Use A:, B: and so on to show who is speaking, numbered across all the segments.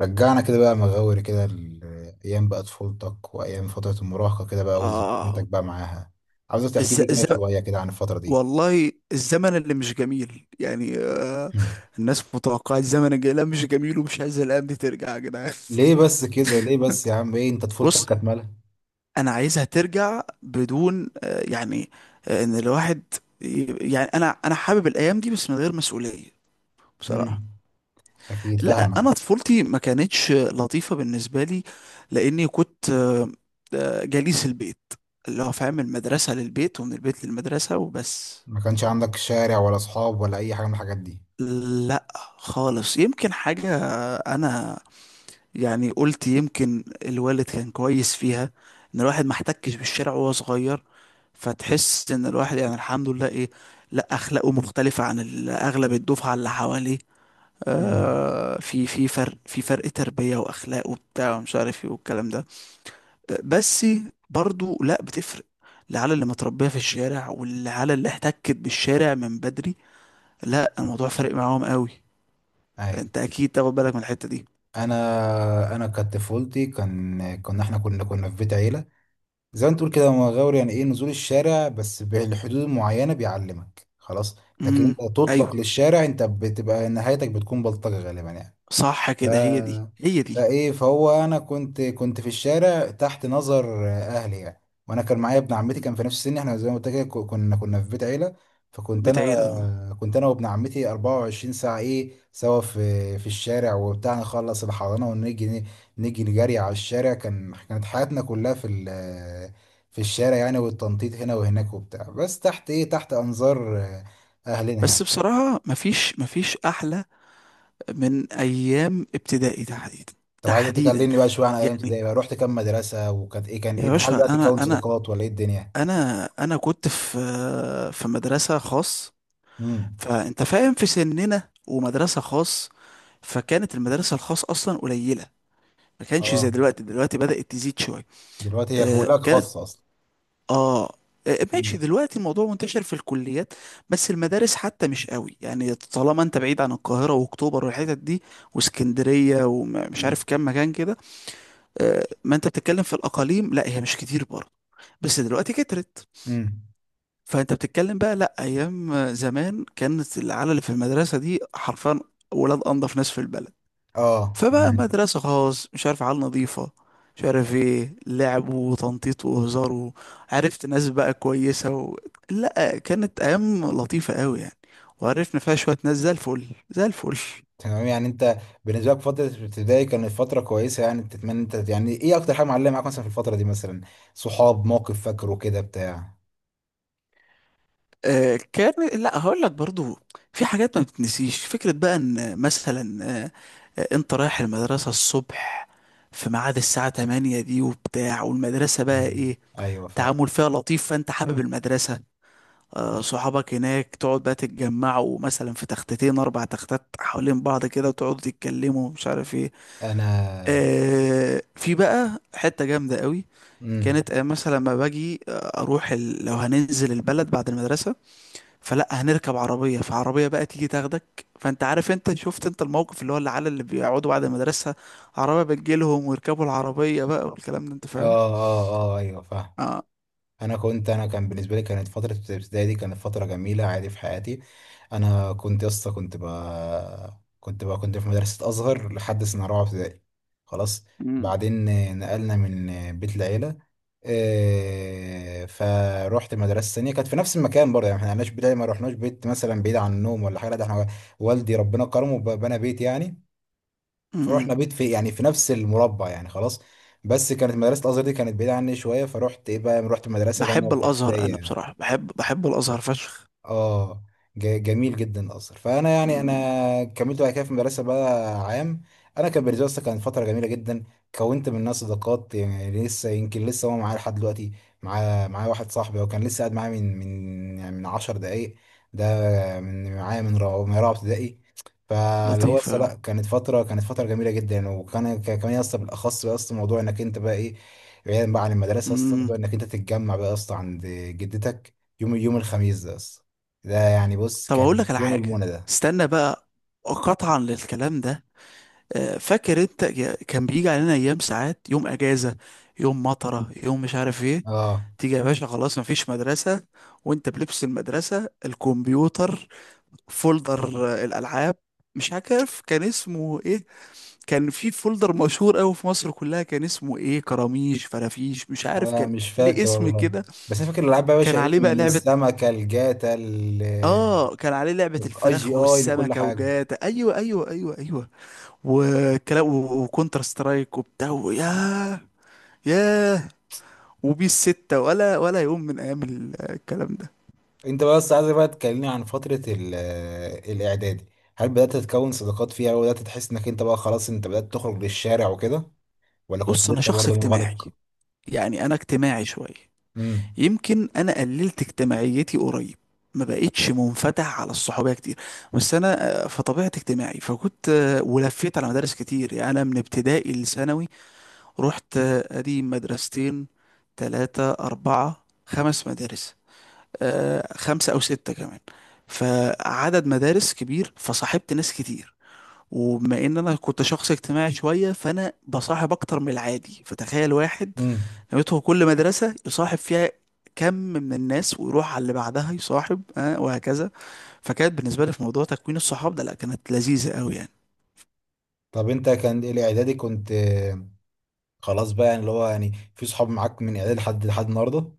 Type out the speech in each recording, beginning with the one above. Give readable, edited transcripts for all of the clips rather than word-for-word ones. A: رجعنا كده بقى مغاوري كده ايام بقى طفولتك وايام فتره المراهقه كده بقى وذكرياتك
B: آه.
A: بقى معاها. عاوزك تحكي
B: الز...
A: لي كده
B: الز...
A: شويه كده عن الفتره دي.
B: والله الزمن اللي مش جميل يعني،
A: مم.
B: الناس متوقعة الزمن الجاي، لا مش جميل ومش عايزة الأيام دي ترجع يا جدعان.
A: ليه بس كده، ليه بس يا عم، ايه انت طفولتك
B: بص،
A: كانت مالها؟
B: أنا عايزها ترجع بدون إن الواحد يعني أنا حابب الأيام دي بس من غير مسؤولية، بصراحة.
A: مم. اكيد
B: لا
A: فاهمك.
B: أنا طفولتي ما كانتش لطيفة بالنسبة لي، لأني كنت جليس البيت، اللي هو فاهم، المدرسة للبيت ومن البيت للمدرسة وبس.
A: ما كانش عندك شارع ولا اصحاب ولا اي حاجه من الحاجات دي؟
B: لا خالص، يمكن حاجة. أنا يعني قلت يمكن الوالد كان كويس فيها، إن الواحد ما احتكش بالشارع وهو صغير، فتحس إن الواحد يعني الحمد لله إيه، لا أخلاقه مختلفة عن أغلب الدفعة اللي حواليه.
A: مم.
B: آه في فرق في فرق تربية وأخلاق وبتاع ومش عارف إيه والكلام ده. بس برضو لا بتفرق العيال اللي متربية في الشارع والعيال اللي احتكت بالشارع من بدري، لا الموضوع فرق معاهم قوي.
A: ايوه.
B: انت اكيد تاخد بالك من الحتة دي.
A: انا انا كانت طفولتي، كان كنا احنا كنا كنا في بيت عيله. زي ما انت تقول كده مغاور، يعني ايه نزول الشارع بس بالحدود المعينة بيعلمك خلاص، لكن
B: امم.
A: انت
B: ايوه
A: تطلق للشارع انت بتبقى نهايتك بتكون بلطجة غالبا يعني.
B: صح
A: ف-
B: كده، هي دي هي دي.
A: فايه فهو انا كنت في الشارع تحت نظر اهلي يعني. وانا كان معايا ابن عمتي،
B: مم.
A: كان في نفس سني. احنا زي ما قلت لك كنا في بيت عيله. فكنت انا،
B: بتعير اه،
A: كنت انا وابن عمتي 24 ساعه ايه سوا في الشارع وبتاع. نخلص الحضانه ونيجي، نجري على الشارع. كانت حياتنا كلها في الشارع يعني، والتنطيط هنا وهناك وبتاع، بس تحت ايه، تحت انظار اهلنا يعني.
B: بس بصراحة مفيش احلى من ايام ابتدائي تحديدا.
A: طب عايزة
B: تحديدا
A: تكلمني بقى شوية عن أيام
B: يعني،
A: ابتدائي بقى، رحت كام مدرسة وكانت إيه، كان إيه،
B: يا
A: هل بقى
B: باشا انا
A: تكون
B: انا
A: صداقات ولا إيه الدنيا؟
B: انا كنت في في مدرسة خاص،
A: امم.
B: فانت فاهم في سننا ومدرسة خاص، فكانت المدرسة الخاص اصلا قليلة، ما كانش زي
A: أه،
B: دلوقتي. دلوقتي بدأت تزيد شوية.
A: دلوقتي هي
B: آه،
A: كلها
B: كانت،
A: خاصة أصلا.
B: اه. آه، ماشي،
A: امم.
B: دلوقتي الموضوع منتشر في الكليات، بس المدارس حتى مش قوي، يعني طالما انت بعيد عن القاهرة واكتوبر والحتت دي واسكندرية ومش عارف كام مكان كده. آه، ما انت بتتكلم في الاقاليم، لا هي مش كتير برضه، بس دلوقتي كترت.
A: امم.
B: فانت بتتكلم بقى، لا ايام زمان كانت العيال اللي في المدرسة دي حرفيا ولاد انضف ناس في البلد.
A: أه
B: فبقى
A: تمام.
B: مدرسة خاص، مش عارف عيال نظيفة، مش عارف ايه، لعب وتنطيط وهزار، وعرفت ناس بقى كويسة و... لا كانت أيام لطيفة قوي يعني. وعرفنا فيها شوية ناس زي الفل زي الفل.
A: تمام يعني أنت بالنسبة لك فترة ابتدائي كانت فترة كويسة يعني، تتمنى أنت يعني، إيه أكتر حاجة معلمة معاك مثلا في الفترة دي مثلا؟ صحاب، موقف فاكره كده بتاع؟
B: آه كان، لا هقول لك برضو في حاجات ما بتنسيش، فكرة بقى ان مثلا انت رايح المدرسة الصبح في ميعاد الساعة 8 دي وبتاع، والمدرسة بقى
A: مم.
B: ايه،
A: أيوه فاهم.
B: تعامل فيها لطيف، فانت حابب المدرسة. آه، صحابك هناك تقعد بقى تتجمعوا مثلا في تختتين اربع تختات حوالين بعض كده وتقعدوا تتكلموا مش عارف ايه.
A: أنا.
B: آه، في بقى حتة جامدة قوي،
A: امم.
B: كانت آه، مثلا لما باجي آه، لو هننزل البلد بعد المدرسة فلا هنركب عربية، فعربية بقى تيجي تاخدك، فانت عارف، انت شفت، انت الموقف اللي هو العيال اللي بيقعدوا بعد المدرسة، عربية بتجيلهم ويركبوا العربية بقى والكلام ده انت
A: أه
B: فاهم.
A: أه أه، أيوه فاهم.
B: اه.
A: انا كنت، انا كان بالنسبه لي كانت فتره الابتدائي دي كانت فتره جميله عادي في حياتي. انا كنت يا اسطى كنت في مدرسه ازهر لحد سنه رابعه ابتدائي، خلاص.
B: امم.
A: بعدين نقلنا من بيت العيله إيه، فروحت مدرسه ثانيه كانت في نفس المكان برضه. يعني احنا ما بيت العيلة، ما رحناش بيت مثلا بعيد عن النوم ولا حاجه، لا ده احنا والدي ربنا كرمه بنى بيت يعني. فروحنا
B: أمم.
A: بيت في يعني في نفس المربع يعني خلاص. بس كانت مدرسة الأزهر دي كانت بعيدة عني شوية، فروحت إيه بقى، رحت مدرسة تانية
B: بحب الازهر
A: ابتدائية
B: انا
A: يعني.
B: بصراحة، بحب الازهر فشخ.
A: اه. جميل جدا الاثر. فانا يعني انا كملت بعد كده في المدرسه بقى عام. انا كان بالنسبه لي أصلاً كانت فتره جميله جدا. كونت منها صداقات يعني لسه، يمكن لسه هو معايا لحد دلوقتي. معاه معايا واحد صاحبي هو كان لسه قاعد معايا من يعني من 10 دقائق ده. من معايا من رابعه ابتدائي. فاللي هو اصلا، لا
B: لطيفة.
A: كانت فتره، كانت فتره جميله جدا. وكان كمان اصلا بالاخص بقى، اصلا موضوع انك انت بقى ايه، بعيدا بقى عن المدرسه، اصلا
B: امم.
A: موضوع انك انت تتجمع بقى اصلا عند جدتك يوم، يوم الخميس ده اصلا. ده يعني بص
B: طب اقول
A: كان
B: لك على
A: يوم
B: حاجة،
A: المنى ده.
B: استنى بقى، قطعا للكلام ده، آه، فاكر انت يا- كان بيجي علينا ايام، ساعات يوم اجازة، يوم مطرة، يوم مش عارف ايه،
A: اه
B: تيجي يا باشا خلاص مفيش مدرسة، وانت بلبس المدرسة، الكمبيوتر فولدر، آه، الالعاب، مش عارف كان اسمه ايه. كان في فولدر مشهور قوي في مصر كلها كان اسمه ايه، كراميش فرافيش، مش عارف
A: انا
B: كان
A: مش
B: ليه
A: فاكر
B: اسم
A: والله.
B: كده.
A: بس انا فاكر الالعاب بقى يا
B: كان
A: باشا
B: عليه
A: ايه،
B: بقى
A: من
B: لعبة،
A: السمكه، الجاتا، الاي
B: اه كان عليه لعبة
A: جي
B: الفراخ
A: اي لكل
B: والسمكة
A: حاجه.
B: وجاتا، ايوه ايوه ايوه ايوه، وكونتر سترايك وبتاع، ياه ياه، وبيس ستة، ولا يوم من ايام الكلام ده.
A: انت بس عايزك بقى تكلمني عن فتره الاعدادي. هل بدات تتكون صداقات فيها وبدات تحس انك انت بقى خلاص انت بدات تخرج للشارع وكده، ولا كنت
B: بص انا
A: لسه
B: شخص
A: برضه
B: اجتماعي،
A: منغلق؟
B: يعني انا اجتماعي شوية.
A: امم.
B: يمكن انا قللت اجتماعيتي قريب، ما بقتش منفتح على الصحوبية كتير، بس انا آه، فطبيعتي اجتماعي، فكنت آه، ولفيت على مدارس كتير، يعني انا من ابتدائي لثانوي رحت ادي مدرستين، تلاتة اربعة خمس مدارس، آه خمسة او ستة كمان، فعدد مدارس كبير، فصاحبت ناس كتير. وبما ان انا كنت شخص اجتماعي شوية، فانا بصاحب اكتر من العادي، فتخيل واحد
A: امم.
B: نويته كل مدرسة يصاحب فيها كم من الناس ويروح على اللي بعدها يصاحب آه وهكذا. فكانت بالنسبة لي في موضوع تكوين الصحاب ده، لا كانت لذيذة قوي يعني.
A: طب انت كان الاعدادي كنت خلاص بقى يعني، اللي هو يعني في صحاب معاك من اعدادي لحد لحد النهارده؟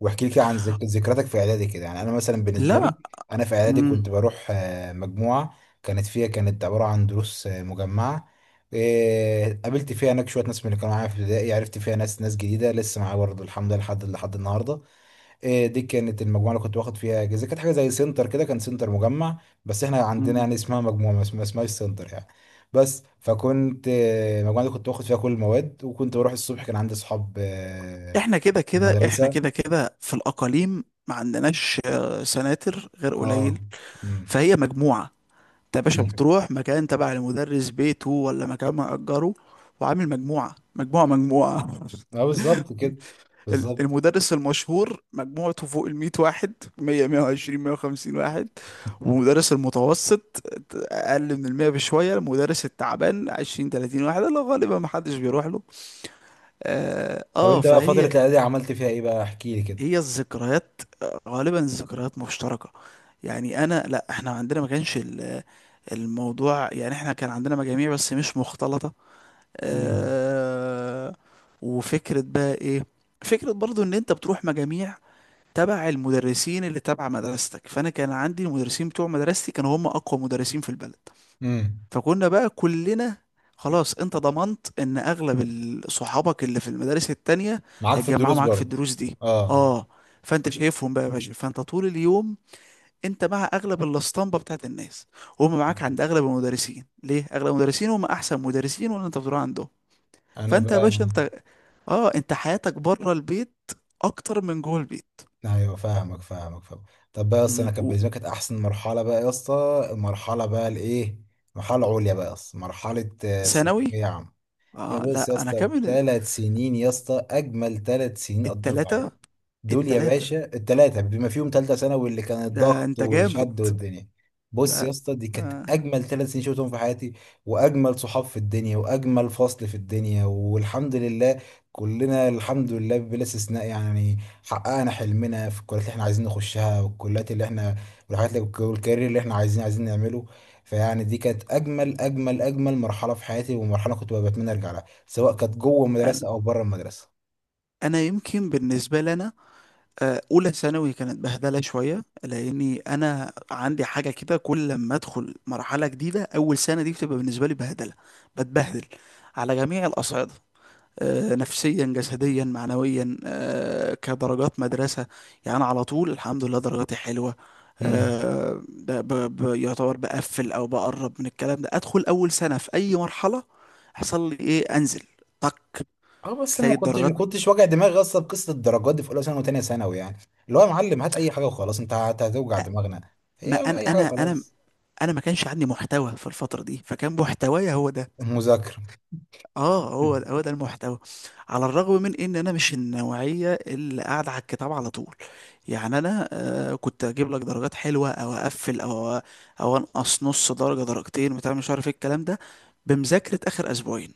A: واحكي لي كده عن ذكرياتك في اعدادي كده. يعني انا مثلا بالنسبه لي،
B: لا.
A: انا في اعدادي كنت بروح مجموعه، كانت فيها، كانت عباره عن دروس مجمعه. قابلت فيها هناك شويه ناس من اللي كانوا معايا في ابتدائي، عرفت فيها ناس، ناس جديده لسه معايا برضه الحمد لله لحد لحد النهارده. إيه دي كانت المجموعه اللي كنت باخد فيها اجازه، كانت حاجه زي سنتر كده، كان سنتر مجمع، بس احنا عندنا
B: امم.
A: يعني اسمها مجموعه، ما اسمهاش سنتر يعني. بس فكنت المجموعه دي كنت باخد فيها كل المواد، وكنت بروح الصبح، كان عندي اصحاب
B: احنا كده
A: في
B: كده احنا
A: المدرسه.
B: كده كده في الاقاليم ما عندناش آه، سناتر غير
A: اه.
B: قليل.
A: امم.
B: فهي مجموعه. انت يا باشا
A: أمم.
B: بتروح مكان تبع المدرس بيته ولا مكان مأجره، وعامل مجموعه مجموعه مجموعه
A: اه بالظبط كده، بالظبط.
B: المدرس المشهور مجموعته فوق ال 100 واحد، 100 120 150 واحد. ومدرس المتوسط اقل من ال 100 بشويه. المدرس التعبان 20 30 واحد اللي غالبا ما حدش بيروح له. اه
A: طب
B: آه،
A: انت بقى فتره
B: فهي،
A: الاعدادي عملت فيها ايه بقى، احكي لي كده.
B: هي الذكريات، غالبا الذكريات مشتركة. يعني انا، لا احنا عندنا ما كانش الموضوع، يعني احنا كان عندنا مجاميع بس مش مختلطة.
A: امم.
B: اه. وفكرة بقى ايه، فكرة برضو ان انت بتروح مجاميع تبع المدرسين اللي تبع مدرستك، فانا كان عندي المدرسين بتوع مدرستي كانوا هم اقوى مدرسين في البلد.
A: امم.
B: فكنا بقى كلنا خلاص انت ضمنت ان اغلب صحابك اللي في المدارس التانية
A: معاك في
B: هيتجمعوا
A: الدروس
B: معاك في
A: برضه.
B: الدروس دي.
A: اه.
B: اه. فانت شايفهم بقى يا باشا، فانت طول اليوم انت مع اغلب الاسطمبه بتاعت الناس، وهم معاك عند اغلب المدرسين، ليه اغلب المدرسين هم احسن مدرسين واللي انت بتروح عندهم.
A: انا
B: فانت يا
A: بقى.
B: باشا انت اه، انت حياتك بره البيت اكتر من جوه البيت.
A: ايوه فاهمك، فاهمك، فاهم. طب بقى يا اسطى،
B: م،
A: انا كانت
B: و-
A: بالنسبه لي كانت احسن مرحله بقى يا اسطى، المرحله بقى الايه، مرحله عليا بقى يا اسطى، مرحله
B: ثانوي،
A: ثانويه عامه. يا
B: اه
A: بص يا
B: لا انا
A: اسطى
B: كامل
A: ثلاث سنين يا اسطى، اجمل ثلاث سنين قضيتهم في حياتي.
B: التلاتة،
A: دول يا
B: التلاتة
A: باشا التلاتة، بما فيهم تالتة ثانوي اللي كان
B: ده
A: الضغط
B: انت جامد.
A: والشد والدنيا. بص يا
B: لا
A: اسطى دي كانت
B: آه.
A: أجمل ثلاث سنين شفتهم في حياتي، وأجمل صحاب في الدنيا وأجمل فصل في الدنيا والحمد لله. كلنا الحمد لله بلا استثناء يعني، حققنا حلمنا في الكليات اللي احنا عايزين نخشها، والكليات اللي احنا، والحاجات اللي، والكارير اللي احنا عايزين نعمله. فيعني دي كانت أجمل مرحلة في حياتي، ومرحلة كنت بتمنى أرجع لها سواء كانت جوه
B: أنا
A: المدرسة أو بره المدرسة.
B: أنا يمكن بالنسبة لنا آه، أولى ثانوي كانت بهدلة شوية، لأني أنا عندي حاجة كده كل لما أدخل مرحلة جديدة، أول سنة دي بتبقى بالنسبة لي بهدلة، بتبهدل على جميع الأصعدة، آه، نفسيا جسديا معنويا، آه، كدرجات مدرسة، يعني أنا على طول الحمد لله درجاتي حلوة.
A: مم.
B: آه، يعتبر بقفل أو بقرب من الكلام ده، أدخل أول سنة في أي مرحلة يحصل لي إيه، أنزل طك،
A: اه بس انا
B: تلاقي
A: ما كنتش ما
B: الدرجات.
A: كنتش واجع دماغي اصلا بقصه الدرجات دي في اولى ثانوي وثانيه ثانوي يعني. اللي هو يا معلم هات اي حاجه وخلاص، انت هتوجع دماغنا.
B: ما
A: هي
B: انا
A: اي حاجه
B: انا انا
A: وخلاص.
B: انا ما كانش عندي محتوى في الفتره دي، فكان محتوايا هو ده.
A: مذاكره.
B: اه هو هو ده المحتوى. على الرغم من ان انا مش النوعيه اللي قاعده على الكتاب على طول، يعني انا آه كنت اجيب لك درجات حلوه او اقفل، او انقص نص درجه درجتين بتاع مش عارف ايه الكلام ده، بمذاكره اخر اسبوعين.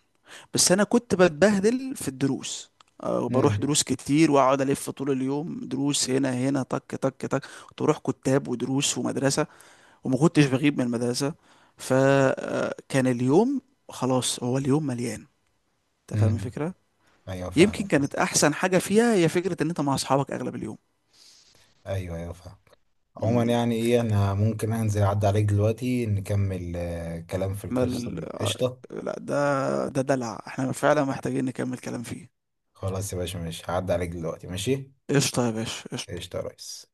B: بس انا كنت بتبهدل في الدروس، آه، وبروح
A: امم.
B: دروس كتير واقعد الف طول اليوم دروس هنا هنا طك طك طك. كنت بروح كتاب ودروس ومدرسه، وما كنتش بغيب من المدرسة. فكان اليوم خلاص، هو اليوم مليان، انت فاهم
A: امم.
B: الفكرة.
A: ايوه
B: يمكن
A: فاهمك
B: كانت
A: بس.
B: احسن حاجة فيها هي فكرة ان انت مع اصحابك اغلب اليوم.
A: ايوه ايوه فاهم. عموما
B: مم.
A: يعني ايه، انا ممكن انزل اعدي عليك دلوقتي نكمل كلام في
B: ما
A: القصه
B: ال...
A: دي
B: آه،
A: قشطه؟
B: لا ده دلع، احنا فعلا محتاجين نكمل كلام فيه.
A: خلاص يا باشا ماشي، هعدي عليك دلوقتي ماشي.
B: قشطة يا باشا قشطة.
A: قشطه يا ريس.